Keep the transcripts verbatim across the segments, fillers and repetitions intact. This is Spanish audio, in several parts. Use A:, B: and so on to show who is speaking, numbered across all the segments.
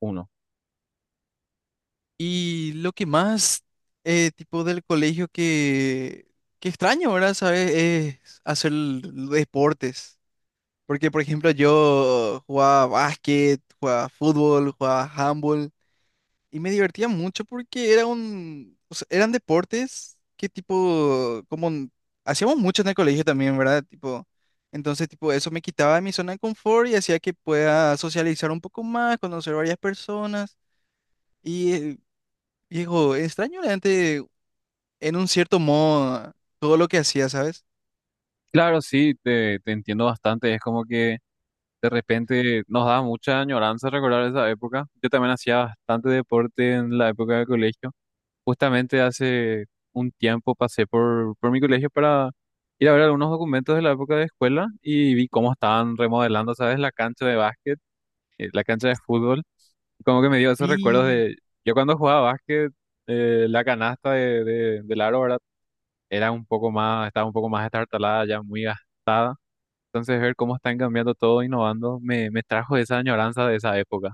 A: Uno.
B: Y lo que más, eh, tipo del colegio que, que extraño, ¿verdad? ¿Sabes? Es hacer l- deportes. Porque, por ejemplo, yo jugaba básquet, jugaba fútbol, jugaba handball. Y me divertía mucho porque era un, o sea, eran deportes que tipo, como n- hacíamos mucho en el colegio también, ¿verdad? Tipo, entonces, tipo, eso me quitaba de mi zona de confort y hacía que pueda socializar un poco más, conocer varias personas. y eh, Viejo, extraño realmente en un cierto modo todo lo que hacía, ¿sabes?
A: Claro, sí, te, te entiendo bastante. Es como que de repente nos da mucha añoranza recordar esa época. Yo también hacía bastante deporte en la época de colegio. Justamente hace un tiempo pasé por, por mi colegio para ir a ver algunos documentos de la época de escuela y vi cómo estaban remodelando, ¿sabes? La cancha de básquet, eh, la cancha de fútbol. Como que me dio esos recuerdos
B: Sí.
A: de yo cuando jugaba básquet, eh, la canasta de, de, del aro, ¿verdad? Era un poco más, estaba un poco más estartalada, ya muy gastada. Entonces ver cómo están cambiando todo, innovando, me, me trajo esa añoranza de esa época.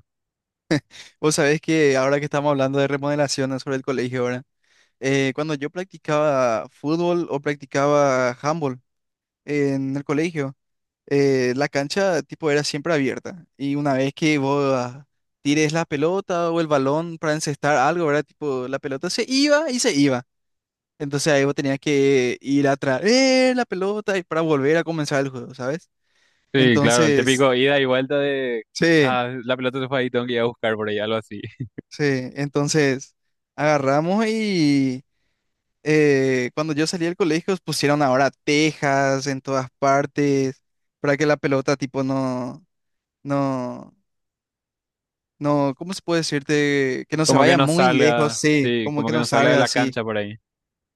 B: Vos sabés que ahora que estamos hablando de remodelaciones sobre el colegio, ¿verdad? Eh, cuando yo practicaba fútbol o practicaba handball en el colegio, eh, la cancha tipo era siempre abierta. Y una vez que vos ah, tires la pelota o el balón para encestar algo, ¿verdad? Tipo, la pelota se iba y se iba. Entonces ahí vos tenías que ir a traer la pelota y para volver a comenzar el juego, ¿sabes? Sí.
A: Sí, claro, el
B: Entonces,
A: típico ida y vuelta de,
B: sí,
A: ah, la pelota se fue ahí, tengo que ir a buscar por ahí, algo así.
B: sí, entonces agarramos y eh, cuando yo salí del colegio pusieron ahora tejas en todas partes para que la pelota tipo no, no, no, ¿cómo se puede decirte? Que no se
A: Como que
B: vaya
A: no
B: muy no lejos,
A: salga,
B: sí,
A: sí,
B: como
A: como
B: que
A: que
B: no.
A: no
B: Sí,
A: salga de
B: salga
A: la
B: así.
A: cancha por ahí.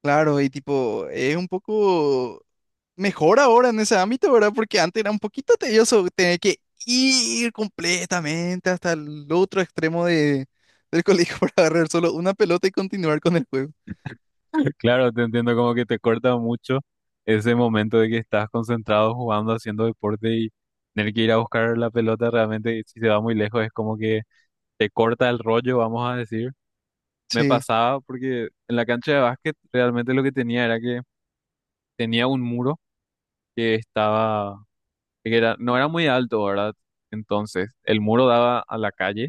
B: Claro, y tipo, es un poco mejor ahora en ese ámbito, ¿verdad? Porque antes era un poquito tedioso tener que ir completamente hasta el otro extremo de, del colegio para agarrar solo una pelota y continuar con el juego.
A: Claro, te entiendo como que te corta mucho ese momento de que estás concentrado jugando, haciendo deporte y tener que ir a buscar la pelota realmente, si se va muy lejos, es como que te corta el rollo, vamos a decir. Me
B: Sí,
A: pasaba porque en la cancha de básquet realmente lo que tenía era que tenía un muro que estaba, que era, no era muy alto, ¿verdad? Entonces, el muro daba a la calle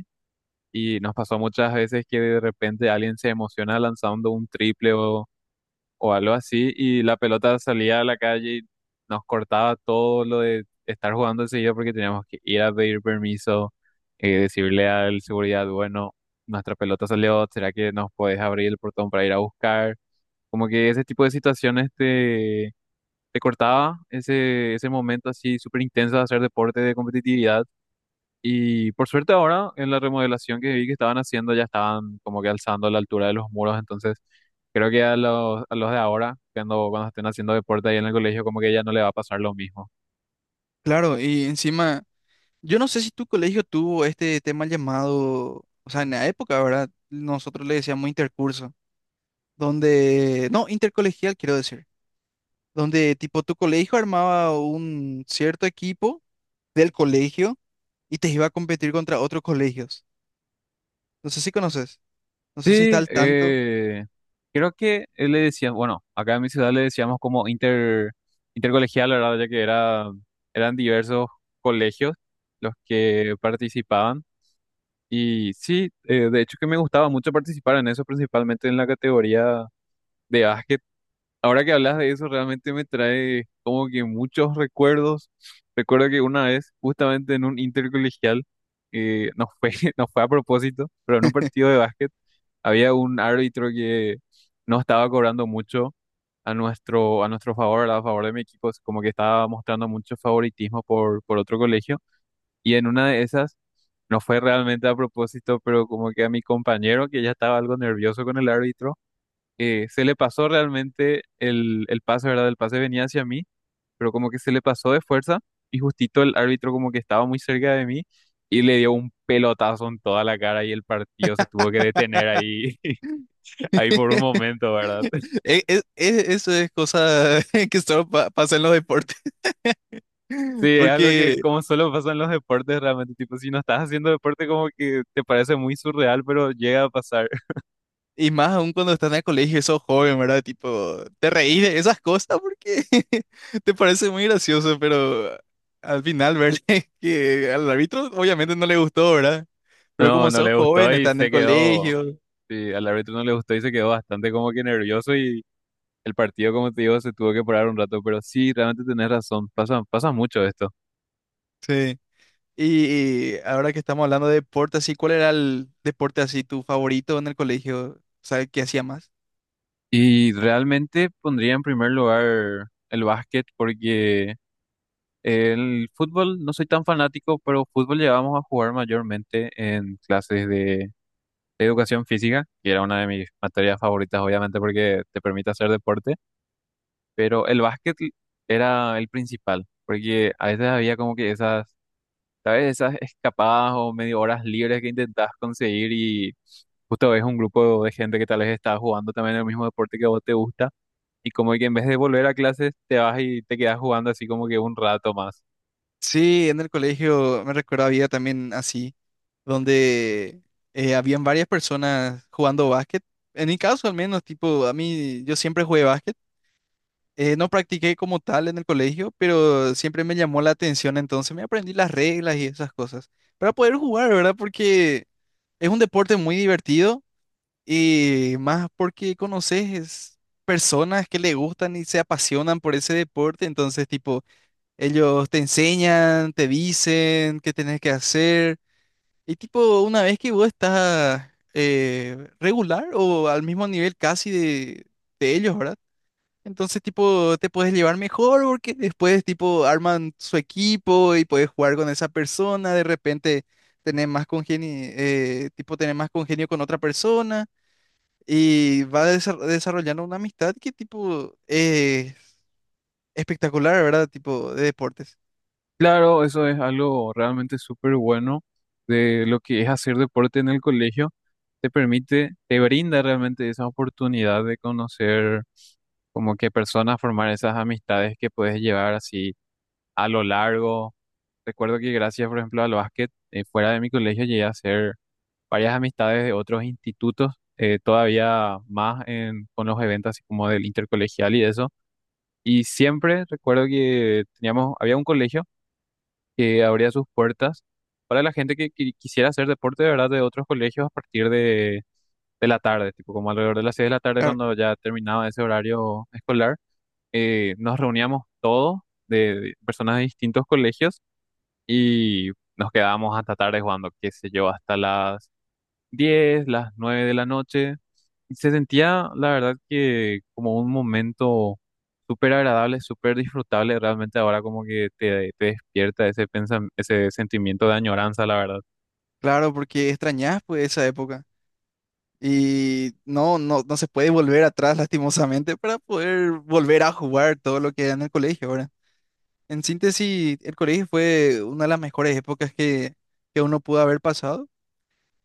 A: y nos pasó muchas veces que de repente alguien se emociona lanzando un triple o, o algo así y la pelota salía a la calle y nos cortaba todo lo de estar jugando enseguida porque teníamos que ir a pedir permiso, eh, decirle al seguridad, bueno, nuestra pelota salió, ¿será que nos puedes abrir el portón para ir a buscar? Como que ese tipo de situaciones te, te cortaba ese, ese momento así súper intenso de hacer deporte de competitividad. Y por suerte ahora en la remodelación que vi que estaban haciendo ya estaban como que alzando la altura de los muros. Entonces creo que a los, a los de ahora, cuando, cuando estén haciendo deporte ahí en el colegio, como que ya no le va a pasar lo mismo.
B: claro, y encima, yo no sé si tu colegio tuvo este tema llamado, o sea, en la época, ¿verdad? Nosotros le decíamos intercurso, donde, no, intercolegial quiero decir, donde tipo tu colegio armaba un cierto equipo del colegio y te iba a competir contra otros colegios. No sé si conoces, no sé si está
A: Sí,
B: al sí tanto.
A: eh, creo que él le decía, bueno, acá en mi ciudad le decíamos como inter, intercolegial, la verdad, ya que era, eran diversos colegios los que participaban. Y sí, eh, de hecho que me gustaba mucho participar en eso, principalmente en la categoría de básquet. Ahora que hablas de eso, realmente me trae como que muchos recuerdos. Recuerdo que una vez, justamente en un intercolegial, eh, nos fue, nos fue a propósito, pero en un partido de básquet, había un árbitro que no estaba cobrando mucho a nuestro, a nuestro favor, ¿verdad? A favor de mi equipo, es como que estaba mostrando mucho favoritismo por, por otro colegio. Y en una de esas, no fue realmente a propósito, pero como que a mi compañero, que ya estaba algo nervioso con el árbitro, eh, se le pasó realmente el, el pase, ¿verdad? El pase venía hacia mí, pero como que se le pasó de fuerza y justito el árbitro como que estaba muy cerca de mí y le dio un pelotazo en toda la cara y el partido se tuvo que detener ahí, ahí por un momento, ¿verdad?
B: E- e- e- eso es cosa que solo pa- pasa en los deportes.
A: Sí, es algo que
B: Porque,
A: como solo pasa en los deportes realmente, tipo, si no estás haciendo deporte como que te parece muy surreal, pero llega a pasar.
B: y más aún cuando estás en el colegio y sos joven, ¿verdad? Tipo, te reís de esas cosas porque te parece muy gracioso, pero al final, ¿verdad? Que al árbitro obviamente no le gustó, ¿verdad? Pero
A: No,
B: como
A: no
B: sos. No,
A: le
B: joven,
A: gustó
B: no
A: y
B: en el
A: se quedó,
B: colegio.
A: sí, al árbitro no le gustó y se quedó bastante como que nervioso y el partido, como te digo, se tuvo que parar un rato, pero sí, realmente tenés razón, pasa, pasa mucho esto.
B: Sí. Y ahora que estamos hablando de deporte, así, ¿cuál era el deporte así tu favorito en el colegio? ¿Sabes qué hacía más?
A: Y realmente pondría en primer lugar el básquet porque el fútbol no soy tan fanático, pero fútbol llegábamos a jugar mayormente en clases de educación física, que era una de mis materias favoritas, obviamente, porque te permite hacer deporte, pero el básquet era el principal, porque a veces había como que esas, ¿sabes? Esas escapadas o medio horas libres que intentabas conseguir y justo ves un grupo de gente que tal vez está jugando también el mismo deporte que a vos te gusta y como que en vez de volver a clases te vas y te quedas jugando así como que un rato más.
B: Sí, en el colegio me recuerdo había también así, donde eh, habían varias personas jugando básquet. En mi caso al menos, tipo, a mí yo siempre jugué básquet. Eh, no practiqué como tal en el colegio, pero siempre me llamó la atención, entonces me aprendí las reglas y esas cosas para poder jugar, ¿verdad? Porque es un deporte muy divertido. Y más porque conoces personas que le gustan y se apasionan por ese deporte, entonces tipo, ellos te enseñan, te dicen qué tenés que hacer. Y tipo, una vez que vos estás eh, regular o al mismo nivel casi de, de ellos, ¿verdad? Entonces tipo, te puedes llevar mejor porque después tipo arman su equipo y puedes jugar con esa persona, de repente tener más congenio, tipo tener más congenio con otra persona. Y va desa- desarrollando una amistad que tipo es espectacular, ¿verdad? Tipo de deportes.
A: Claro, eso es algo realmente súper bueno de lo que es hacer deporte en el colegio. Te permite, te brinda realmente esa oportunidad de conocer como que personas, formar esas amistades que puedes llevar así a lo largo. Recuerdo que gracias, por ejemplo, al básquet, eh, fuera de mi colegio llegué a hacer varias amistades de otros institutos, eh, todavía más en- con los eventos así como del intercolegial y eso. Y siempre recuerdo que teníamos, había un colegio que abría sus puertas para la gente que, qui- quisiera hacer deporte de verdad de otros colegios a partir de, de la tarde, tipo como alrededor de las seis de la tarde
B: Claro,
A: cuando ya terminaba ese horario escolar. eh, nos reuníamos todos de de personas de distintos colegios y nos quedábamos hasta tarde jugando, qué sé yo, hasta las diez las nueve de la noche. Y se sentía, la verdad, que como un momento súper agradable, súper disfrutable. Realmente ahora como que te, te despierta ese pensam- ese sentimiento de añoranza, la verdad.
B: claro, porque extrañas pues esa época. Y no, no, no se puede volver atrás lastimosamente para poder volver a jugar todo lo que era en el colegio, ahora. En síntesis, el colegio fue una de las mejores épocas que, que uno pudo haber pasado.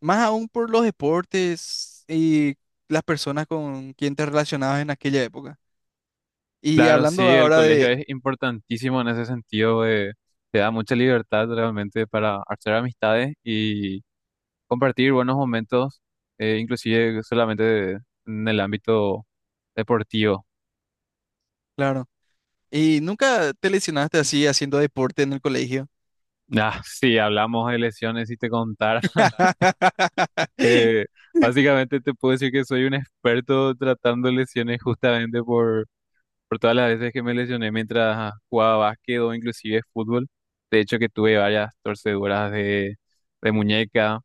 B: Más aún por los deportes y las personas con quien te relacionabas en aquella época. Y
A: Claro,
B: hablando
A: sí, el
B: ahora
A: colegio
B: de...
A: es importantísimo en ese sentido. eh, te da mucha libertad realmente para hacer amistades y compartir buenos momentos, eh, inclusive solamente de- en el ámbito deportivo.
B: Claro. ¿Y nunca te lesionaste así haciendo deporte en el colegio?
A: Ah, sí, hablamos de lesiones y te contar. Eh, básicamente te puedo decir que soy un experto tratando lesiones justamente por, por todas las veces que me lesioné mientras jugaba básquet o inclusive fútbol. De hecho que tuve varias torceduras de, de muñeca,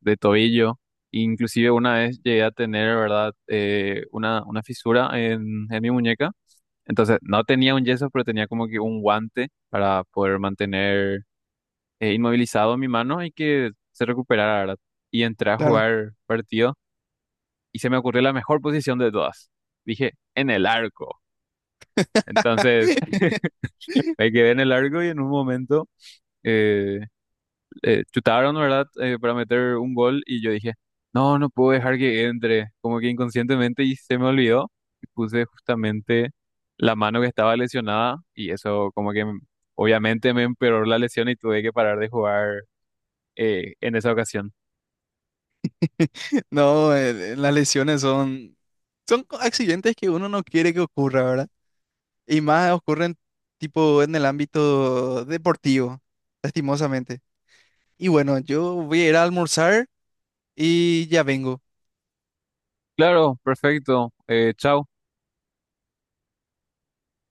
A: de tobillo. Inclusive una vez llegué a tener, ¿verdad? Eh, una, una fisura en, en mi muñeca. Entonces no tenía un yeso, pero tenía como que un guante para poder mantener eh, inmovilizado mi mano y que se recuperara, ¿verdad? Y entré a
B: Claro.
A: jugar partidos y se me ocurrió la mejor posición de todas. Dije, en el arco. Entonces, me quedé en el arco y en un momento eh, eh, chutaron, ¿verdad? Eh, para meter un gol y yo dije, no, no puedo dejar que entre, como que inconscientemente y se me olvidó. Y puse justamente la mano que estaba lesionada y eso como que m- obviamente me empeoró la lesión y tuve que parar de jugar eh, en esa ocasión.
B: No, eh, las lesiones son, son co- accidentes que uno no quiere que ocurra, ¿verdad? Y más ocurren tipo en el ámbito deportivo, lastimosamente. Y bueno, yo voy a ir a almorzar y ya vengo.
A: Claro, perfecto. Eh, chao.